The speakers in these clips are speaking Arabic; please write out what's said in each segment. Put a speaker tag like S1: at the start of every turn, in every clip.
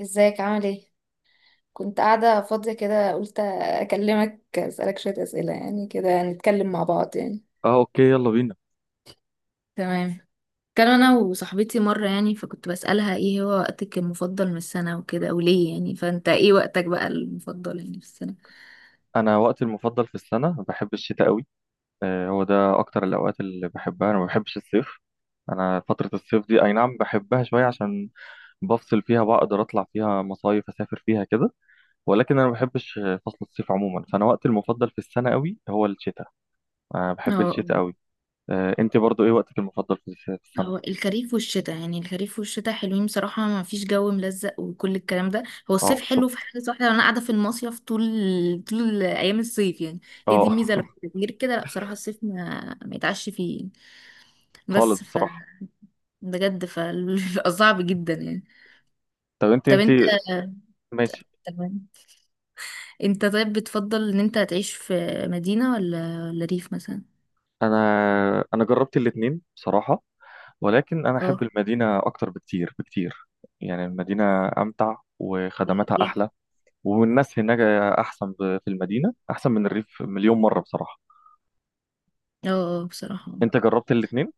S1: ازيك؟ عامل ايه؟ كنت قاعدة فاضية كده قلت اكلمك اسألك شوية اسئلة، يعني كده نتكلم مع بعض يعني.
S2: اه اوكي، يلا بينا.
S1: تمام. كان انا وصاحبتي مره يعني فكنت بسالها ايه هو وقتك المفضل من السنه وكده وليه يعني، فانت ايه وقتك بقى المفضل يعني في السنه؟
S2: انا وقتي المفضل في السنه، بحب الشتاء قوي. هو ده اكتر الاوقات اللي بحبها. انا ما بحبش الصيف. انا فتره الصيف دي، اي نعم بحبها شويه، عشان بفصل فيها، بقدر اطلع فيها مصايف، اسافر فيها كده. ولكن انا ما بحبش فصل الصيف عموما. فانا وقتي المفضل في السنه قوي هو الشتاء. انا بحب
S1: اه،
S2: الشتاء قوي. انت برضو ايه وقتك المفضل في السنه؟
S1: هو الخريف والشتاء يعني، الخريف والشتاء حلوين بصراحة، ما فيش جو ملزق وكل الكلام ده. هو
S2: اه،
S1: الصيف
S2: بالظبط.
S1: حلو في حاجة واحدة، انا قاعدة في المصيف طول طول ايام الصيف يعني. هي دي
S2: اه.
S1: الميزة، لو غير كده لا بصراحة الصيف ما يتعش فيه.
S2: خالص
S1: بس ف
S2: بصراحه.
S1: بجد فبيبقى صعب جدا يعني.
S2: طب انت
S1: طب انت.
S2: ماشي.
S1: تمام. انت طيب، بتفضل ان انت تعيش في مدينة ولا ريف مثلا؟
S2: انا انا جربت الاتنين بصراحه. ولكن أنا أحب
S1: اه.
S2: المدينة أكتر بكتير بكتير. يعني المدينة أمتع، وخدماتها
S1: ليه؟
S2: أحلى، والناس هناك أحسن. في المدينة أحسن من الريف مليون مرة بصراحة.
S1: اه آه، بصراحة.
S2: أنت جربت الاتنين؟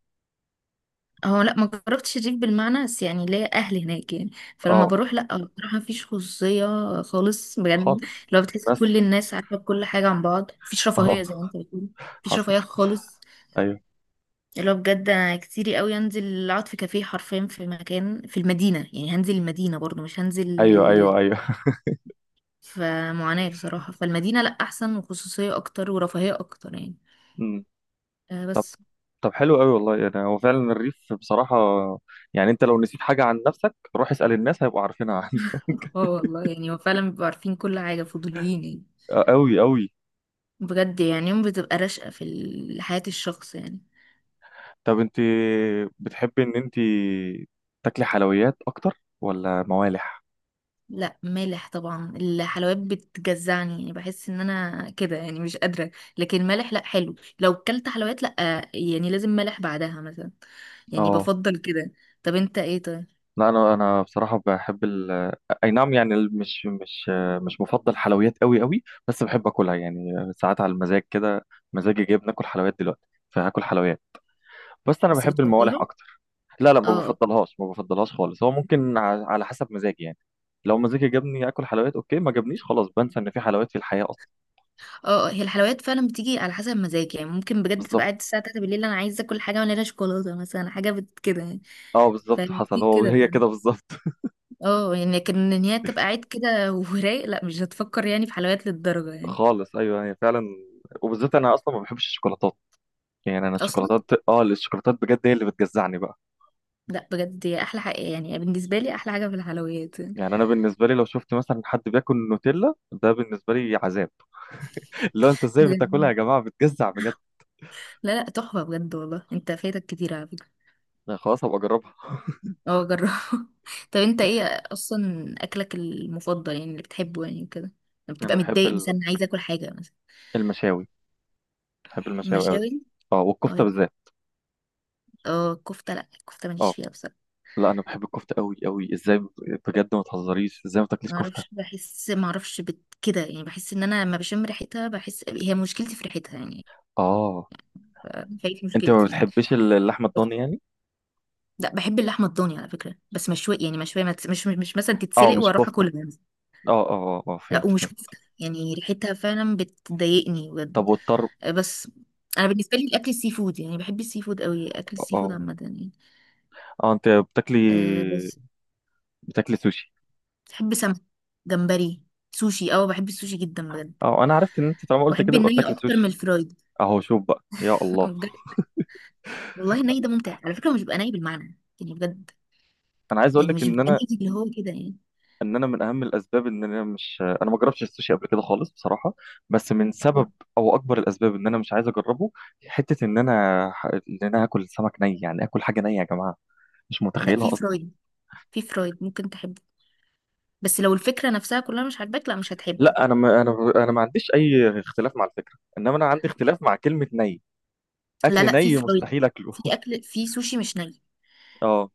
S1: هو لا ما جربتش الريف بالمعنى، بس يعني ليا اهل هناك يعني، فلما
S2: أه،
S1: بروح لا بصراحه مفيش خصوصيه خالص
S2: خالص.
S1: بجد. لو بتحس
S2: الناس
S1: كل الناس عارفه كل حاجه عن بعض، مفيش
S2: أه.
S1: رفاهيه زي ما انت بتقول. مفيش
S2: حصل.
S1: رفاهيه خالص.
S2: أيوه،
S1: اللي هو بجد انا كتيري قوي انزل اقعد في كافيه حرفيا في مكان في المدينه يعني، هنزل المدينه برضو مش هنزل
S2: أيوه، أيوه، أيوه.
S1: في معاناه بصراحه. فالمدينه لا احسن، وخصوصيه اكتر ورفاهيه اكتر يعني.
S2: أمم.
S1: آه
S2: طب
S1: بس.
S2: طب حلو أوي والله. يعني هو فعلا الريف بصراحة، يعني أنت لو نسيت حاجة عن نفسك، روح اسأل الناس هيبقوا عارفينها عنك.
S1: اه والله يعني هو فعلا بيبقوا عارفين كل حاجه، فضوليين يعني.
S2: أوي أوي.
S1: بجد يعني، يوم بتبقى راشقة في ال- حياة الشخص يعني.
S2: طب انت بتحبي ان انت تاكلي حلويات اكتر ولا موالح؟
S1: لا مالح طبعا، الحلويات بتجزعني يعني بحس ان انا كده يعني مش قادرة. لكن مالح لا، حلو لو كلت حلويات لا، يعني لازم مالح بعدها مثلا. يعني
S2: اه.
S1: بفضل كده. طب انت ايه طيب؟
S2: لا، انا بصراحه بحب اي نعم. يعني مش مفضل حلويات قوي قوي، بس بحب اكلها يعني ساعات على المزاج كده. مزاجي جايب ناكل حلويات دلوقتي، فهاكل حلويات. بس انا
S1: بس
S2: بحب الموالح
S1: بتفضلها؟
S2: اكتر. لا، لا، ما
S1: اه.
S2: بفضلهاش ما بفضلهاش خالص. هو ممكن على حسب مزاجي يعني. لو مزاجي جابني اكل حلويات اوكي، ما جابنيش خلاص بنسى ان في حلويات في الحياه اصلا.
S1: اه اه، هي الحلويات فعلا بتيجي على حسب المزاج يعني. ممكن بجد تبقى قاعد
S2: بالظبط.
S1: الساعة 3 بالليل انا عايزة اكل حاجة مليانة شوكولاتة مثلا، حاجة بت- كده يعني.
S2: اه، بالظبط، حصل.
S1: فكتير
S2: هو
S1: كده
S2: هي
S1: فعلا.
S2: كده بالظبط.
S1: اه يعني، لكن ان هي تبقى قاعد كده ورايق لا مش هتفكر يعني في حلويات للدرجة يعني.
S2: خالص، ايوه، هي فعلا. وبالذات انا اصلا ما بحبش الشوكولاتات. يعني انا
S1: اصلا.
S2: الشوكولاتات، الشوكولاتات بجد هي اللي بتجزعني بقى.
S1: لا بجد هي احلى حاجة يعني، بالنسبة لي احلى حاجة في الحلويات يعني.
S2: يعني انا بالنسبه لي لو شفت مثلا حد بياكل نوتيلا، ده بالنسبه لي عذاب. لو انت ازاي بتاكلها يا
S1: بجد.
S2: جماعه؟ بتجزع بجد.
S1: لا لا، تحفة بجد، والله انت فايتك كتير على فكرة.
S2: أنا خلاص هبقى اجربها.
S1: اه جربه. طب انت ايه اصلا اكلك المفضل يعني، اللي بتحبه يعني كده، لما
S2: انا
S1: بتبقى
S2: بحب
S1: متضايق مثلا عايز اكل حاجة مثلا؟
S2: المشاوي. بحب المشاوي قوي.
S1: مشاوي.
S2: اه، والكفته
S1: اه.
S2: بالذات.
S1: اه كفتة، لا الكفتة
S2: اه.
S1: ماليش فيها بصراحة.
S2: لا، انا بحب الكفته قوي قوي. بجد ما تهزريش، ازاي ما تاكليش كفته!
S1: معرفش، بحس معرفش كده يعني، بحس ان انا لما بشم ريحتها بحس هي مشكلتي في ريحتها يعني.
S2: اه.
S1: فهي دي
S2: انت ما
S1: مشكلتي يعني.
S2: بتحبيش اللحمه
S1: بس-
S2: الضاني يعني؟
S1: لا بحب اللحمه الضاني على فكره، بس مشويه يعني، مشويه ما تس- مش مثلا
S2: اه،
S1: تتسلق
S2: مش
S1: واروح
S2: كفته.
S1: اكلها.
S2: اه، اه، اه، آه،
S1: لا،
S2: فهمت
S1: ومش
S2: فهمت.
S1: كفته يعني، ريحتها فعلا بتضايقني
S2: طب
S1: بجد.
S2: والطرب؟
S1: بس انا بالنسبه لي الاكل السي فود يعني، بحب السي فود قوي، اكل
S2: اه،
S1: السي فود
S2: آه.
S1: عامه يعني.
S2: اه، انت
S1: أه بس.
S2: بتاكلي سوشي؟
S1: بحب سمك، جمبري، سوشي. اه بحب السوشي جدا بجد.
S2: اه، انا عرفت ان انت طالما قلت
S1: واحب
S2: كده يبقى
S1: الني
S2: بتاكلي
S1: اكتر من
S2: سوشي.
S1: الفرايد.
S2: اهو، شوف بقى يا الله.
S1: بجد. والله الني ده ممتع على فكره، هو مش بيبقى ني بالمعنى يعني بجد،
S2: انا عايز اقول
S1: يعني
S2: لك
S1: مش
S2: ان
S1: بيبقى ني
S2: انا،
S1: اللي هو كده يعني.
S2: ان انا من اهم الاسباب ان انا مش انا ما جربتش السوشي قبل كده خالص بصراحه. بس من سبب، او اكبر الاسباب ان انا مش عايز اجربه، حته ان انا ان انا هاكل سمك ني، يعني اكل حاجه نيه يا جماعه، مش
S1: لا في
S2: متخيلها اصلا.
S1: فرايد. في فرايد ممكن تحب، بس لو الفكرة نفسها كلها مش عاجباك لا مش هتحبه.
S2: لا، انا ما انا انا ما عنديش اي اختلاف مع الفكره، انما انا عندي اختلاف مع كلمه ني.
S1: لا
S2: اكل
S1: لا، في
S2: ني
S1: فرايد،
S2: مستحيل اكله.
S1: في أكل في سوشي مش ني.
S2: اه،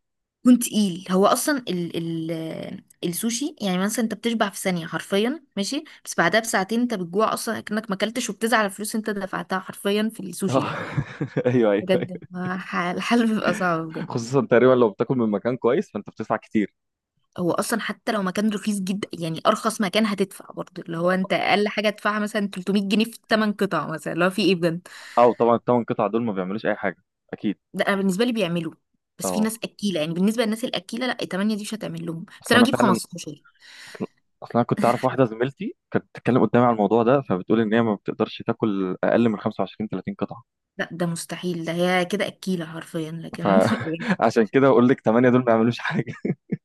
S1: كنت تقيل. هو أصلا ال ال السوشي يعني، مثلا أنت بتشبع في ثانية حرفيا ماشي، بس بعدها بساعتين أنت بتجوع أصلا أكنك ما أكلتش، وبتزعل على الفلوس أنت دفعتها حرفيا في السوشي
S2: اه.
S1: ده.
S2: ايوه، ايوه.
S1: بجد ما ح- الحل بيبقى صعب بجد.
S2: خصوصا تقريبا لو بتاكل من مكان كويس فانت بتدفع كتير.
S1: هو أصلا حتى لو مكان رخيص جدا يعني، أرخص مكان هتدفع برضه اللي هو أنت أقل حاجة تدفعها مثلا 300 جنيه في 8 قطع مثلا، اللي هو في إيه بجد.
S2: او طبعا الثمان قطع دول ما بيعملوش اي حاجه. اكيد.
S1: ده انا بالنسبه لي بيعملوا، بس في
S2: اه.
S1: ناس اكيله يعني، بالنسبه للناس الاكيله لا 8 دي مش هتعمل لهم، بس
S2: اصل
S1: انا
S2: انا
S1: بجيب
S2: فعلا
S1: 15.
S2: اصل اصل انا كنت اعرف واحده زميلتي كانت بتتكلم قدامي على الموضوع ده، فبتقول ان هي ما بتقدرش تاكل اقل من 25 30 قطعه.
S1: لا ده مستحيل، ده هي كده اكيله حرفيا لكن بجد.
S2: فعشان كده اقول لك 8 دول ما بيعملوش حاجه.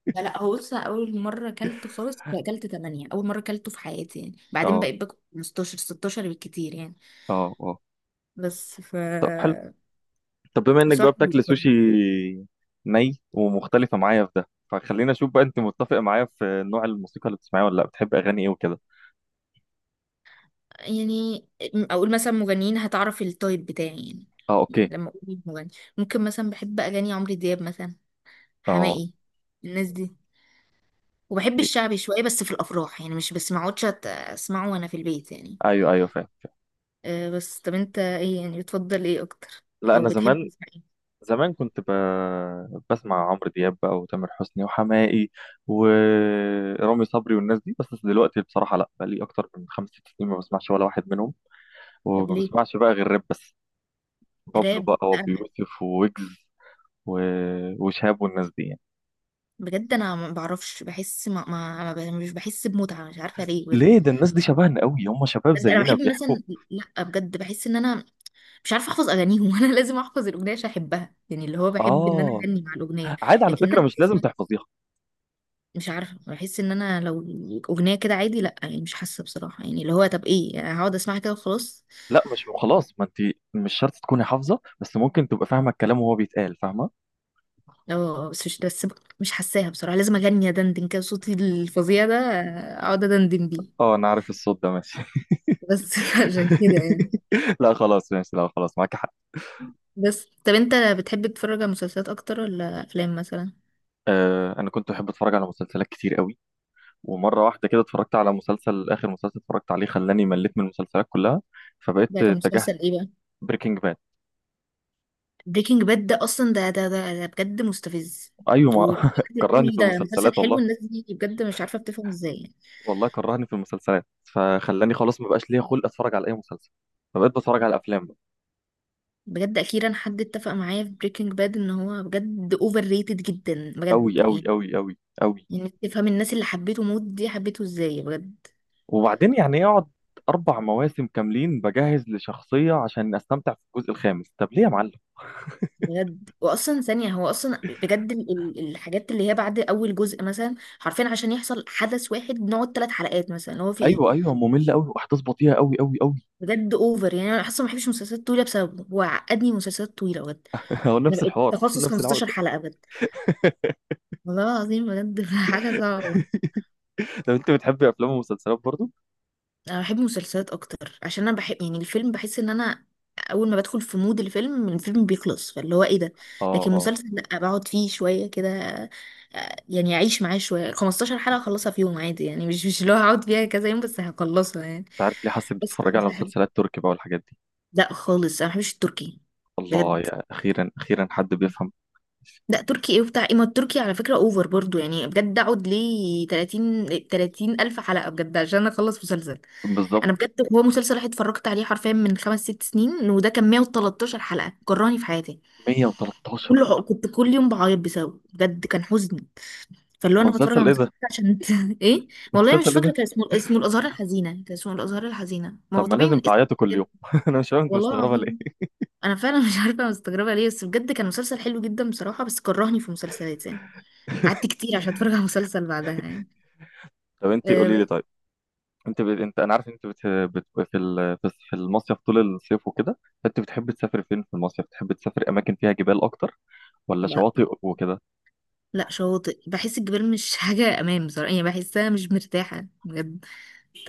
S1: لا لا، هو بص اول مره اكلت خالص اكلت 8 اول مره اكلته في حياتي يعني، بعدين
S2: اه،
S1: بقيت باكل 15 16 بالكتير يعني.
S2: اه، اه.
S1: بس ف
S2: طب حلو. طب بما انك
S1: صح.
S2: بقى بتاكل سوشي ني، ومختلفه معايا في ده، فخلينا اشوف بقى انت متفق معايا في نوع الموسيقى اللي بتسمعيها ولا لا. بتحب اغاني ايه وكده؟
S1: يعني اقول مثلا مغنيين هتعرف التايب بتاعي يعني،
S2: اه،
S1: يعني
S2: اوكي.
S1: لما اقول مين مغني. ممكن مثلا بحب اغاني عمرو دياب مثلا،
S2: اه،
S1: حماقي، الناس دي. وبحب
S2: إيه.
S1: الشعبي شوية بس في الأفراح يعني، مش بس ما اقعدش أت- أسمعه وأنا في البيت يعني.
S2: ايوه، ايوه، فاهم.
S1: أه بس، طب أنت إيه يعني، بتفضل إيه أكتر؟
S2: لا،
S1: أو بتحب
S2: زمان
S1: تسمع إيه؟
S2: كنت بسمع عمرو دياب بقى، وتامر حسني، وحماقي، ورامي صبري، والناس دي. بس دلوقتي بصراحه لا، بقى لي اكتر من خمس ست سنين ما بسمعش ولا واحد منهم.
S1: طب
S2: وما
S1: ليه؟
S2: بسمعش بقى غير راب بس. بابلو
S1: راب؟
S2: بقى،
S1: لا.
S2: وابي يوسف، وويجز، و... وشهاب، والناس دي يعني.
S1: بجد أنا ما بعرفش، بحس ما, ما, ما ب- مش بحس بمتعة، مش عارفة ليه
S2: ليه؟
S1: بجد.
S2: ده الناس دي شبهنا قوي، هم شباب
S1: بجد أنا
S2: زينا
S1: بحب
S2: بيحكوا.
S1: مثلا. لا بجد بحس إن أنا مش عارفة أحفظ أغانيهم، وأنا لازم أحفظ الأغنية عشان أحبها يعني، اللي هو بحب إن أنا
S2: اه،
S1: أغني مع الأغنية.
S2: عادي على
S1: لكن
S2: فكره،
S1: أنا
S2: مش لازم تحفظيها.
S1: مش عارفه، بحس ان انا لو اغنيه كده عادي لا يعني مش حاسه بصراحه، يعني اللي هو طب ايه يعني، هقعد اسمعها كده وخلاص.
S2: لا مش خلاص، ما انت مش شرط تكوني حافظه، بس ممكن تبقى فاهمه الكلام وهو بيتقال، فاهمه.
S1: اه بس مش، بس مش حاساها بصراحه، لازم اغني ادندن كده صوتي الفظيع ده، اقعد ادندن بيه.
S2: اه، انا عارف الصوت ده، ماشي.
S1: بس عشان كده يعني.
S2: لا خلاص، ماشي، لا خلاص معاك حق.
S1: بس طب انت بتحب تتفرج على مسلسلات اكتر ولا افلام مثلا؟
S2: آه، انا كنت بحب اتفرج على مسلسلات كتير قوي. ومره واحده كده اتفرجت على مسلسل، اخر مسلسل اتفرجت عليه خلاني مليت من المسلسلات كلها، فبقيت
S1: ده كان
S2: اتجهت.
S1: مسلسل ايه بقى؟
S2: بريكنج باد.
S1: بريكنج باد؟ ده اصلا ده بجد مستفز،
S2: ايوه، ما
S1: وبجد.
S2: كرهني
S1: بيقول
S2: في
S1: ده مسلسل
S2: المسلسلات
S1: حلو،
S2: والله.
S1: الناس دي بجد مش عارفه بتفهم ازاي يعني.
S2: والله كرهني في المسلسلات، فخلاني خلاص ما بقاش ليا خلق اتفرج على اي مسلسل، فبقيت بتفرج على افلام.
S1: بجد اخيرا حد اتفق معايا في بريكنج باد ان هو بجد اوفر ريتد جدا
S2: قوي
S1: بجد
S2: قوي
S1: يعني.
S2: قوي قوي قوي.
S1: يعني تفهم الناس اللي حبيته موت دي حبيته ازاي بجد.
S2: وبعدين يعني اقعد اربع مواسم كاملين بجهز لشخصيه عشان استمتع في الجزء الخامس، طب ليه يا معلم؟
S1: بجد، واصلا ثانيه هو اصلا بجد الحاجات اللي هي بعد اول جزء مثلا حرفيا، عشان يحصل حدث واحد بنقعد ثلاث حلقات مثلا، هو في ايه
S2: ايوه، ايوه، ممله قوي، واحداث بطيئه قوي قوي قوي.
S1: بجد اوفر يعني. انا اصلا ما بحبش مسلسلات طويله بسببه، هو عقدني مسلسلات طويله بجد.
S2: هو
S1: انا
S2: نفس
S1: بقيت
S2: الحوار،
S1: تخصص
S2: نفس
S1: 15
S2: العقده.
S1: حلقه بجد والله العظيم، بجد حاجه صعبه.
S2: لو انت بتحبي افلام ومسلسلات برضو.
S1: انا بحب المسلسلات اكتر عشان انا بحب يعني، الفيلم بحس ان انا اول ما بدخل في مود الفيلم الفيلم بيخلص، فاللي هو ايه ده.
S2: اه،
S1: لكن
S2: اه.
S1: مسلسل لا، بقعد فيه شويه كده آه، يعني اعيش معاه شويه. 15 حلقه اخلصها في يوم عادي يعني، مش مش اللي هو هقعد فيها كذا يوم، بس هخلصها يعني.
S2: مش عارف ليه حاسس إنك
S1: بس
S2: بتتفرج على
S1: كانت حلوة.
S2: مسلسلات تركي بقى والحاجات دي.
S1: لا خالص، انا ما بحبش التركي.
S2: الله،
S1: بجد.
S2: يا اخيرا، اخيرا حد بيفهم.
S1: لا تركي ايه وبتاع ايه، ما التركي على فكره اوفر برضو يعني، بجد اقعد ليه 30 30 الف حلقه بجد عشان اخلص مسلسل. انا
S2: بالظبط.
S1: بجد هو مسلسل واحد اتفرجت عليه حرفيا من خمس ست سنين، وده كان 113 حلقة كرهني في حياتي.
S2: 113؟
S1: كله كنت كل يوم بعيط بسببه بجد، كان حزن. فاللي هو
S2: ده
S1: انا بتفرج على
S2: مسلسل ايه ده؟
S1: مسلسل عشان ايه؟ والله مش
S2: مسلسل ايه
S1: فاكرة،
S2: ده؟
S1: كان اسمه اسمه الازهار الحزينة، كان اسمه الازهار الحزينة، ما
S2: طب
S1: هو
S2: ما
S1: طبيعي
S2: لازم
S1: من اسمه
S2: تعيطوا كل يوم.
S1: كده.
S2: انا مش فاهم انت
S1: والله
S2: مستغربه ليه.
S1: العظيم انا فعلا مش عارفة مستغربة ليه، بس بجد كان مسلسل حلو جدا بصراحة، بس كرهني في مسلسلات يعني، قعدت كتير عشان اتفرج على مسلسل بعدها يعني.
S2: طب انت
S1: أه
S2: قولي لي
S1: بس.
S2: طيب، انت انا عارف انت في في المصيف طول الصيف وكده، انت بتحب تسافر فين في المصيف؟ بتحب تسافر اماكن فيها جبال اكتر ولا
S1: لا
S2: شواطئ وكده؟
S1: لا، شاطئ، بحس الجبال مش حاجة أمان بصراحة يعني، بحسها مش مرتاحة بجد.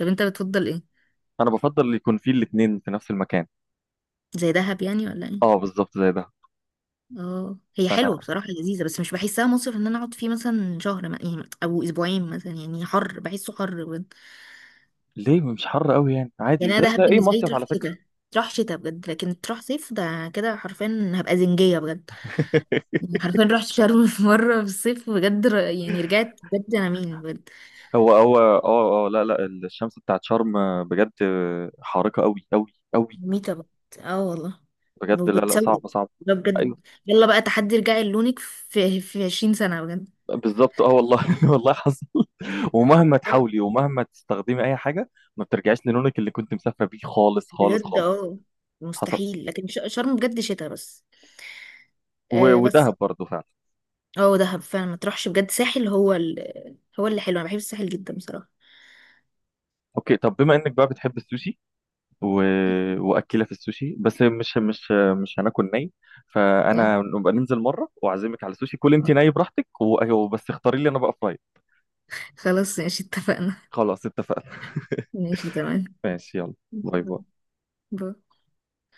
S1: طب انت بتفضل ايه؟
S2: انا بفضل يكون في الاتنين في نفس المكان.
S1: زي دهب يعني ولا ايه؟
S2: اه، بالظبط زي ده.
S1: اه هي
S2: فانا،
S1: حلوه بصراحه لذيذه، بس مش بحسها مصيف ان انا اقعد فيه مثلا شهر يعني، او اسبوعين مثلا يعني، حر بحسه حر بجد.
S2: ليه؟ مش حر قوي يعني، عادي
S1: يعني انا
S2: زي
S1: دهب
S2: اي
S1: بالنسبه لي
S2: مصيف
S1: تروح
S2: على فكرة.
S1: شتاء، تروح شتاء بجد، لكن تروح صيف ده كده حرفيا هبقى زنجيه بجد. يعني حرفيا رحت شرم في مره في الصيف بجد، يعني رجعت بجد انا مين بجد.
S2: هو، اه، اه، لا، لا، الشمس بتاعت شرم بجد حارقة قوي قوي قوي.
S1: ميتة بجد. اه والله.
S2: بجد لا، لا،
S1: وبتسود،
S2: صعبة صعبة.
S1: ده بجد.
S2: ايوه.
S1: يلا بقى تحدي رجعي لونك في 20 سنه.
S2: بالظبط، اه والله، والله حصل.
S1: بجد.
S2: ومهما تحاولي، ومهما تستخدمي اي حاجة، ما بترجعيش للونك اللي كنت مسافرة بيه خالص خالص
S1: بجد
S2: خالص.
S1: اه،
S2: حصل.
S1: مستحيل، لكن شرم بجد شتاء بس. آه
S2: ودهب
S1: بس.
S2: برضه فعلا.
S1: اه دهب فعلا ما تروحش بجد، ساحل هو هو اللي حلو، انا بحب الساحل جدا بصراحة.
S2: اوكي. طب بما انك بقى بتحب السوشي و... واكله، في السوشي بس، مش هناكل ني.
S1: آه.
S2: فانا نبقى ننزل مره، واعزمك على السوشي، كل انت ني براحتك، وبس اختاري لي انا بقى فراي.
S1: خلاص ماشي، اتفقنا.
S2: خلاص، اتفقنا.
S1: ماشي تمام.
S2: ماشي، يلا، باي باي.
S1: باي.